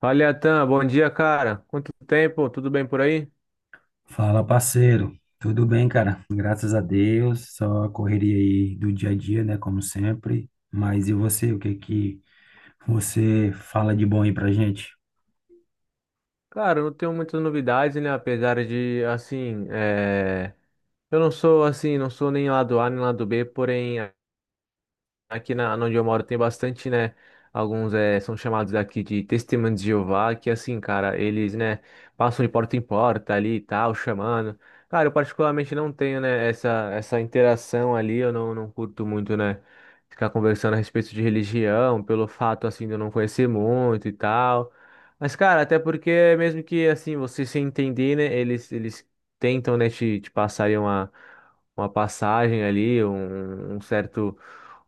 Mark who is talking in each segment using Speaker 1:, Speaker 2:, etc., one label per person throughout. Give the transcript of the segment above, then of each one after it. Speaker 1: Fala, Atan, bom dia, cara. Quanto tempo? Tudo bem por aí?
Speaker 2: Fala, parceiro. Tudo bem, cara? Graças a Deus. Só a correria aí do dia a dia, né? Como sempre. Mas e você? O que é que você fala de bom aí pra gente?
Speaker 1: Cara, eu não tenho muitas novidades, né? Apesar de, assim, é, eu não sou assim, não sou nem lado A nem lado B, porém aqui onde eu moro tem bastante, né? Alguns são chamados aqui de testemunhos de Jeová, que assim, cara, eles, né, passam de porta em porta ali e tal, chamando. Cara, eu particularmente não tenho, né, essa interação ali, eu não curto muito, né, ficar conversando a respeito de religião, pelo fato, assim, de eu não conhecer muito e tal. Mas, cara, até porque mesmo que, assim, você se entender, né, eles tentam, né, te passarem uma passagem ali,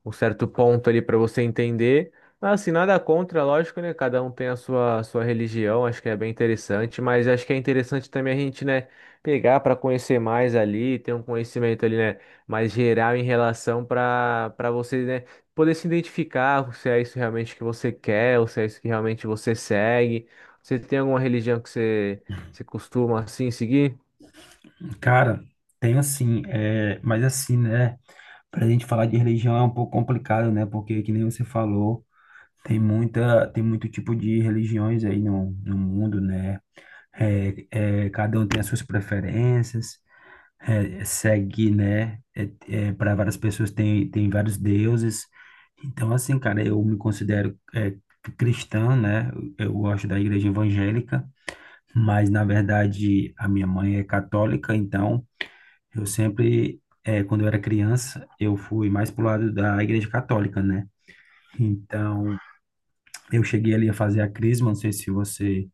Speaker 1: um certo ponto ali para você entender. Mas assim, nada contra, lógico, né? Cada um tem a sua religião, acho que é bem interessante, mas acho que é interessante também a gente, né, pegar para conhecer mais ali, ter um conhecimento ali, né, mais geral em relação para você, né, poder se identificar se é isso realmente que você quer, ou se é isso que realmente você segue. Você tem alguma religião você costuma assim seguir?
Speaker 2: Cara, tem assim, mas assim, né? Pra gente falar de religião é um pouco complicado, né? Porque, que nem você falou, tem muito tipo de religiões aí no mundo, né? Cada um tem as suas preferências. Segue, né? Para várias pessoas tem vários deuses. Então, assim, cara, eu me considero cristã, né? Eu gosto da igreja evangélica, mas na verdade a minha mãe é católica, então eu sempre, quando eu era criança, eu fui mais pro lado da igreja católica, né? Então, eu cheguei ali a fazer a crisma, não sei se você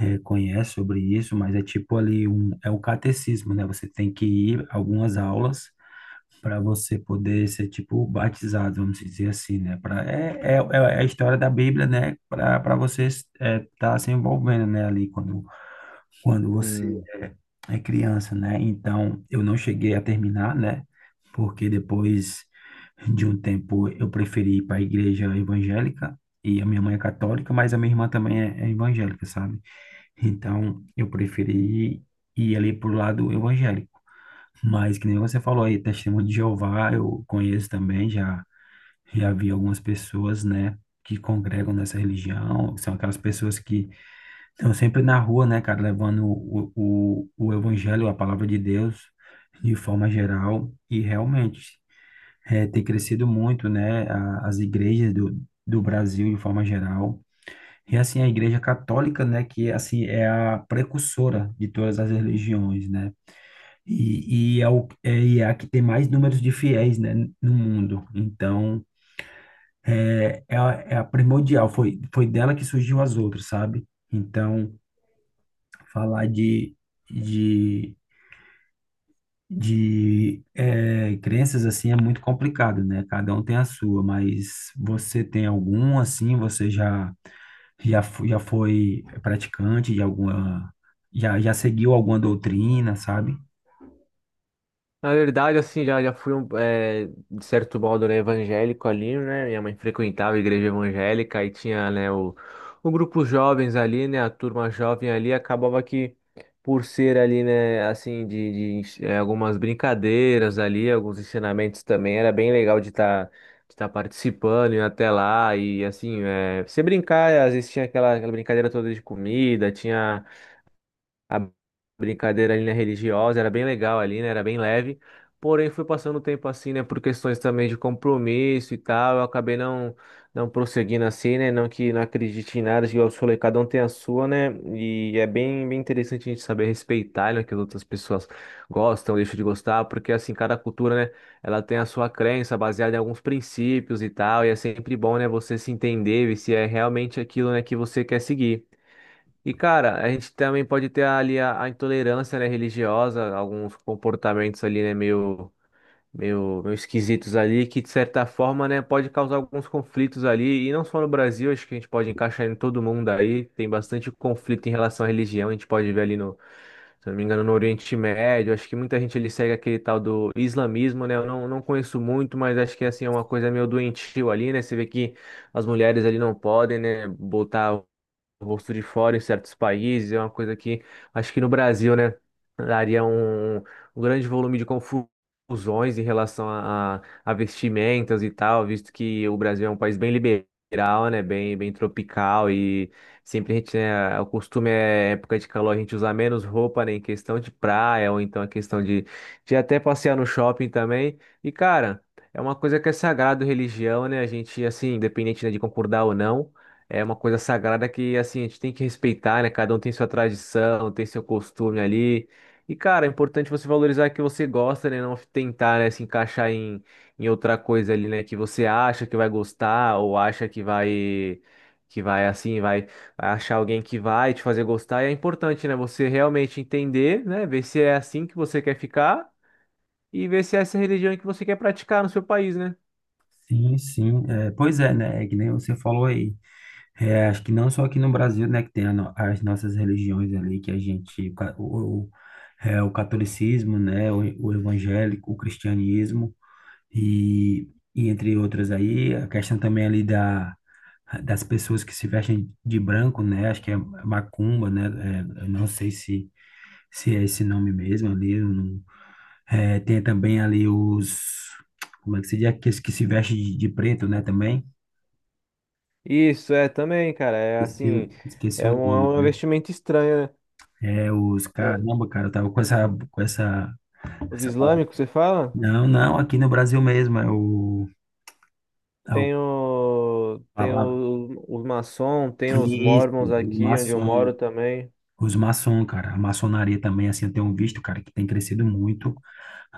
Speaker 2: conhece sobre isso, mas é tipo ali é o catecismo, né? Você tem que ir a algumas aulas para você poder ser tipo batizado, vamos dizer assim, né? Pra, é, é, é é a história da Bíblia, né? Para você estar tá se envolvendo, né? Ali quando você é é criança, né? Então eu não cheguei a terminar, né? Porque depois de um tempo eu preferi ir para a igreja evangélica e a minha mãe é católica, mas a minha irmã também é evangélica, sabe? Então eu preferi ir ali pro lado evangélico. Mas que nem você falou aí, testemunho de Jeová, eu conheço também, já vi algumas pessoas, né, que congregam nessa religião, são aquelas pessoas que estão sempre na rua, né, cara, levando o evangelho, a palavra de Deus, de forma geral, e realmente tem crescido muito, né, as igrejas do Brasil, de forma geral, e assim, a igreja católica, né, que assim é a precursora de todas as religiões, né, e é a que tem mais números de fiéis, né, no mundo. Então, é a primordial. Foi dela que surgiu as outras, sabe? Então, falar de, de crenças assim é muito complicado, né? Cada um tem a sua, mas você tem algum assim? Você já foi praticante de alguma. Já seguiu alguma doutrina, sabe?
Speaker 1: Na verdade, assim, já fui, um, de certo modo, né, evangélico ali, né? Minha mãe frequentava a igreja evangélica e tinha, né, o grupo jovens ali, né? A turma jovem ali acabava que, por ser ali, né, assim, de algumas brincadeiras ali, alguns ensinamentos também, era bem legal de estar participando, e até lá e, assim, você brincar, às vezes tinha aquela brincadeira toda de comida, tinha a brincadeira ali, né, religiosa, era bem legal ali, né, era bem leve. Porém, fui passando o tempo assim, né, por questões também de compromisso e tal, eu acabei não prosseguindo assim, né, não que não acredite em nada, igual eu falei, cada um tem a sua, né, e é bem interessante a gente saber respeitar, né, que as outras pessoas gostam, deixam de gostar, porque assim, cada cultura, né, ela tem a sua crença baseada em alguns princípios e tal, e é sempre bom, né, você se entender e se é realmente aquilo, né, que você quer seguir. E, cara, a gente também pode ter ali a intolerância, né, religiosa, alguns comportamentos ali, né, meio esquisitos ali, que de certa forma, né, pode causar alguns conflitos ali, e não só no Brasil, acho que a gente pode encaixar em todo mundo aí, tem bastante conflito em relação à religião, a gente pode ver ali no, se eu não me engano, no Oriente Médio, acho que muita gente ele segue aquele tal do islamismo, né, eu não conheço muito, mas acho que, assim, é uma coisa meio doentio ali, né, você vê que as mulheres ali não podem, né, botar gosto de fora em certos países, é uma coisa que daria confusões em relação a vestimentas e tal, visto que o Brasil é um país bem liberal, né? Bem tropical e sempre a gente, né, o costume é época de calor a gente usar menos roupa, né? Em questão de praia ou então a questão de até passear no shopping também. E, cara, é uma coisa que é sagrado religião, né? A gente, assim, independente, né, de concordar ou não. É uma coisa sagrada que, assim, a gente tem que respeitar, né? Cada um tem sua tradição, tem seu costume ali. E, cara, é importante você valorizar o que você gosta, né? Não tentar, né, se encaixar em, em outra coisa ali, né? Que você acha que vai gostar ou acha que vai assim, vai achar alguém que vai te fazer gostar. E é importante, né? Você realmente entender, né? Ver se é assim que você quer ficar e ver se é essa religião que você quer praticar no seu país, né?
Speaker 2: Sim, sim. É, pois é, né? É que nem você falou aí. Acho que não só aqui no Brasil, né, que tem a no- as nossas religiões ali, que a gente, o catolicismo, né, o evangélico, o cristianismo, e, e entre outras aí, a questão também ali da, das pessoas que se vestem de branco, né, acho que é macumba, né, eu não sei se é esse nome mesmo ali, eu não- é, tem também ali os, como é que se diz, aqueles que se vestem de preto, né, também,
Speaker 1: Isso, é também, cara. É
Speaker 2: esqueci,
Speaker 1: assim,
Speaker 2: esqueci o
Speaker 1: é
Speaker 2: nome,
Speaker 1: um
Speaker 2: né?
Speaker 1: investimento estranho,
Speaker 2: Os
Speaker 1: né?
Speaker 2: caramba, cara, eu tava com essa, com essa,
Speaker 1: Os
Speaker 2: essa palavra.
Speaker 1: islâmicos, você fala?
Speaker 2: Não, não, aqui no Brasil mesmo, é o
Speaker 1: Tem
Speaker 2: palavra.
Speaker 1: os maçons tem os
Speaker 2: Isso,
Speaker 1: mormons
Speaker 2: o
Speaker 1: aqui onde eu
Speaker 2: maçom.
Speaker 1: moro também.
Speaker 2: Os maçom, cara, a maçonaria também, assim, eu tenho visto, cara, que tem crescido muito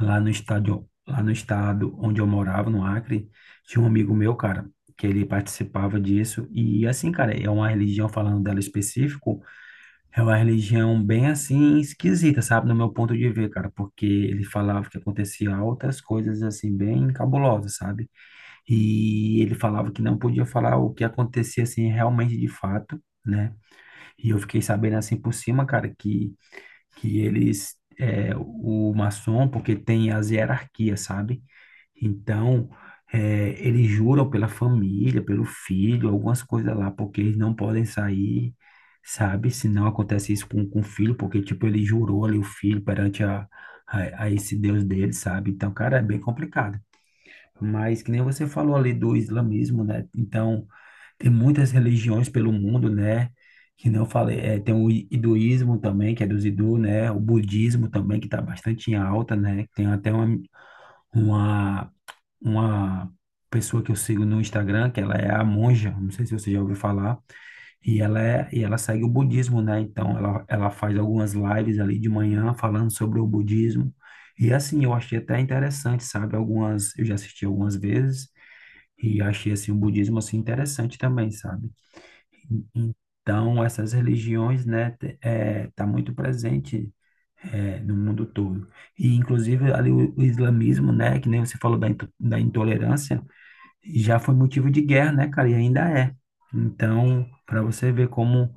Speaker 2: lá no estado onde eu morava, no Acre, tinha um amigo meu, cara, que ele participava disso, e assim, cara, é uma religião falando dela específico. É uma religião bem assim esquisita, sabe? No meu ponto de ver, cara, porque ele falava que acontecia outras coisas assim bem cabulosas, sabe? E ele falava que não podia falar o que acontecia assim realmente de fato, né? E eu fiquei sabendo assim por cima, cara, que eles o maçom, porque tem as hierarquias, sabe? Então, eles juram pela família, pelo filho, algumas coisas lá, porque eles não podem sair, sabe? Se não acontece isso com o filho, porque, tipo, ele jurou ali o filho perante a esse Deus dele, sabe? Então, cara, é bem complicado. Mas, que nem você falou ali do islamismo, né? Então, tem muitas religiões pelo mundo, né? Que não falei, tem o hinduísmo também, que é dos hindus, né? O budismo também, que está bastante em alta, né? Tem até uma uma pessoa que eu sigo no Instagram, que ela é a monja, não sei se você já ouviu falar, e ela segue o budismo, né? Então ela faz algumas lives ali de manhã falando sobre o budismo. E assim, eu achei até interessante, sabe? Eu já assisti algumas vezes e achei assim o budismo assim interessante também, sabe? Então essas religiões, né, tá muito presente no mundo todo. E inclusive ali o islamismo, né, que nem você falou da intolerância, já foi motivo de guerra, né, cara? E ainda é. Então, para você ver como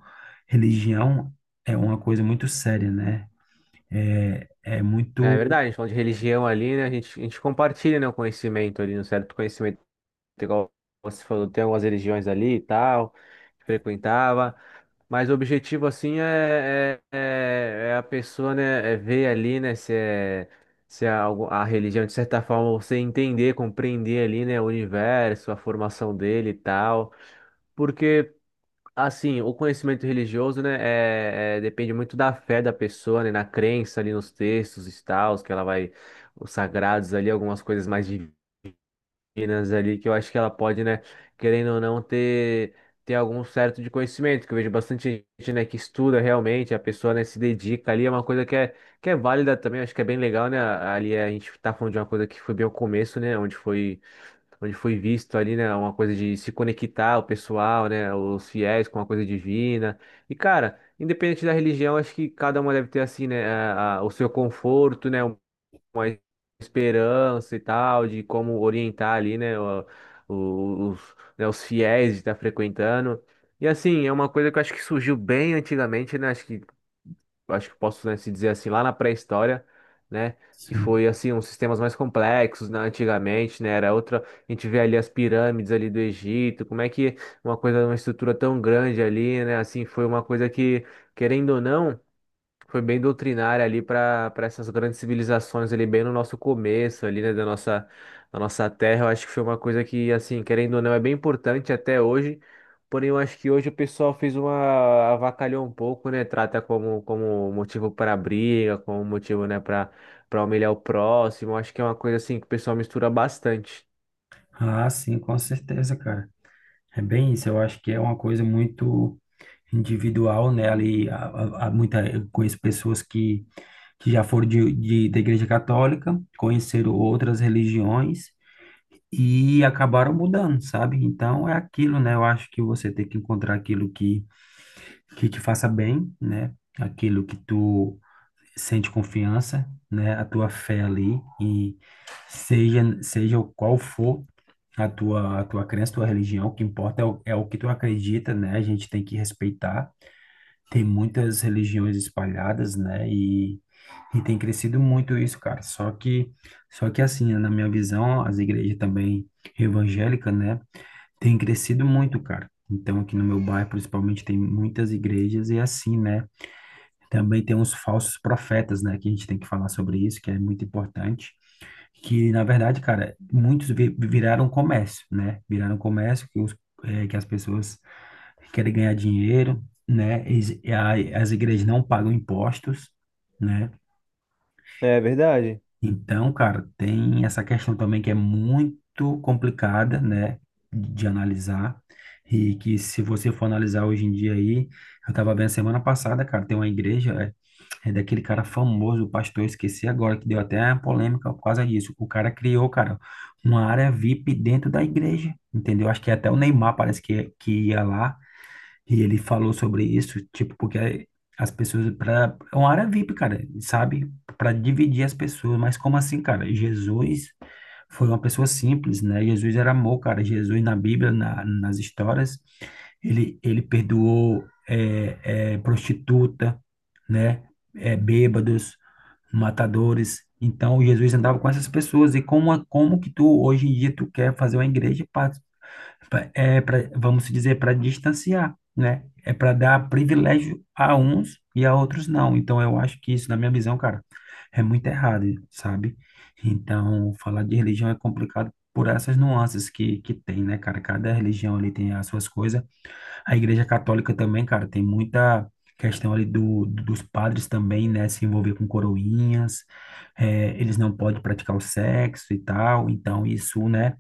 Speaker 2: religião é uma coisa muito séria, né? É
Speaker 1: É
Speaker 2: muito.
Speaker 1: verdade, a gente falando de religião ali, né? A gente compartilha, né, o conhecimento ali, um certo conhecimento, igual você falou, tem algumas religiões ali e tal, que frequentava. Mas o objetivo, assim, é a pessoa, né, é ver ali, né, se é algo, a religião, de certa forma, você entender, compreender ali, né, o universo, a formação dele e tal. Porque Assim, o conhecimento religioso, né, depende muito da fé da pessoa, né, na crença ali nos textos e tal que ela vai, os sagrados ali, algumas coisas mais meninas ali, que eu acho que ela pode, né, querendo ou não, ter, ter algum certo de conhecimento, que eu vejo bastante gente, né, que estuda realmente, a pessoa, né, se dedica ali, é uma coisa que é válida também, acho que é bem legal, né, ali a gente tá falando de uma coisa que foi bem o começo, né, onde foi visto ali, né, uma coisa de se conectar o pessoal, né, os fiéis com uma coisa divina. E cara, independente da religião, acho que cada uma deve ter assim, né, o seu conforto, né, uma esperança e tal, de como orientar ali, né, os, né, os fiéis de estar frequentando. E assim, é uma coisa que eu acho que surgiu bem antigamente, né? Acho que posso, né, se dizer assim, lá na pré-história, né? Que
Speaker 2: Sim.
Speaker 1: foi assim, uns sistemas mais complexos, né, antigamente, né? Era outra. A gente vê ali as pirâmides ali do Egito, como é que uma coisa, uma estrutura tão grande ali, né? Assim, foi uma coisa que, querendo ou não foi bem doutrinária ali para essas grandes civilizações ali bem no nosso começo ali, né, da nossa terra. Eu acho que foi uma coisa que assim, querendo ou não, é bem importante até hoje. Porém, eu acho que hoje o pessoal fez uma avacalhou um pouco, né? Trata como motivo para briga, como motivo, né, para humilhar o próximo. Eu acho que é uma coisa assim que o pessoal mistura bastante.
Speaker 2: Ah, sim, com certeza, cara. É bem isso. Eu acho que é uma coisa muito individual, né? Ali, há muita, eu conheço pessoas que já foram da Igreja Católica, conheceram outras religiões e acabaram mudando, sabe? Então, é aquilo, né? Eu acho que você tem que encontrar aquilo que te faça bem, né? Aquilo que tu sente confiança, né? A tua fé ali e seja o qual for a tua crença, tua religião, o que importa é o que tu acredita, né? A gente tem que respeitar. Tem muitas religiões espalhadas, né? E tem crescido muito isso, cara. Só que assim, né? Na minha visão, as igrejas também evangélicas, né? Tem crescido muito, cara. Então, aqui no meu bairro, principalmente, tem muitas igrejas e assim, né? Também tem uns falsos profetas, né? Que a gente tem que falar sobre isso, que é muito importante. Que, na verdade, cara, muitos viraram comércio, né? Viraram comércio que as pessoas querem ganhar dinheiro, né? E as igrejas não pagam impostos, né?
Speaker 1: É verdade.
Speaker 2: Então, cara, tem essa questão também que é muito complicada, né, de analisar, e que se você for analisar hoje em dia aí, eu tava vendo semana passada, cara, tem uma igreja, é daquele cara famoso, o pastor, eu esqueci agora, que deu até uma polêmica por causa disso. O cara criou, cara, uma área VIP dentro da igreja, entendeu? Acho que até o Neymar parece que ia lá, e ele falou sobre isso, tipo, porque as pessoas, é uma área VIP, cara, sabe? Para dividir as pessoas, mas como assim, cara? Jesus foi uma pessoa simples, né? Jesus era amor, cara. Jesus na Bíblia, nas histórias, ele perdoou prostituta, né? Bêbados, matadores. Então, Jesus andava com essas pessoas. E como que tu, hoje em dia, tu quer fazer uma igreja para pra- é para, vamos dizer, para distanciar, né? É para dar privilégio a uns e a outros não. Então, eu acho que isso, na minha visão, cara, é muito errado, sabe? Então, falar de religião é complicado por essas nuances que tem, né, cara? Cada religião ali tem as suas coisas. A Igreja Católica também, cara, tem muita questão ali dos padres também, né? Se envolver com coroinhas, eles não podem praticar o sexo e tal. Então, isso, né?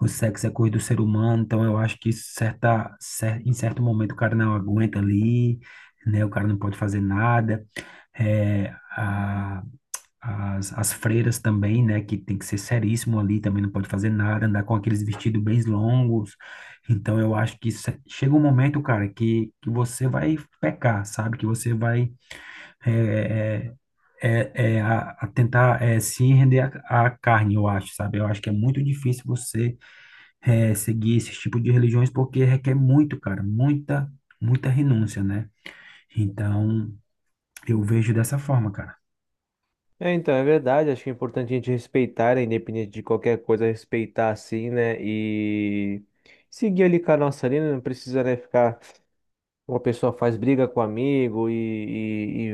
Speaker 2: O sexo é coisa do ser humano, então eu acho que em certo momento o cara não aguenta ali, né? O cara não pode fazer nada. É, a- as freiras também, né? Que tem que ser seríssimo ali, também não pode fazer nada, andar com aqueles vestidos bem longos. Então eu acho que chega um momento, cara, que você vai pecar, sabe? Que você vai é, é, a tentar se render à carne, eu acho, sabe? Eu acho que é muito difícil você seguir esse tipo de religiões porque requer muito, cara, muita, muita renúncia, né? Então, eu vejo dessa forma, cara.
Speaker 1: É, então, é verdade, acho que é importante a gente respeitar, né, independente de qualquer coisa, respeitar assim, né? E seguir ali com a nossa linha, né, não precisa, né, ficar. Uma pessoa faz briga com amigo e,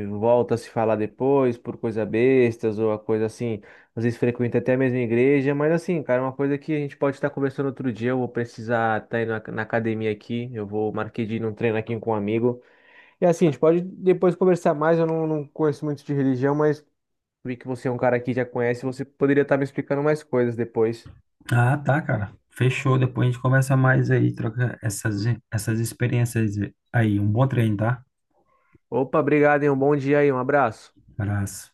Speaker 1: e, e volta a se falar depois por coisa bestas ou a coisa assim, às vezes frequenta até a mesma igreja, mas assim, cara, é uma coisa que a gente pode estar conversando outro dia, eu vou precisar estar indo na academia aqui, eu vou marquei de ir num treino aqui com um amigo. E assim, a gente pode depois conversar mais, eu não conheço muito de religião, mas vi que você é um cara que já conhece, você poderia estar me explicando mais coisas depois.
Speaker 2: Ah, tá, cara. Fechou. Depois a gente conversa mais aí, troca essas experiências aí. Um bom treino, tá?
Speaker 1: Opa, obrigado, hein? Um bom dia aí, um abraço.
Speaker 2: Abraço.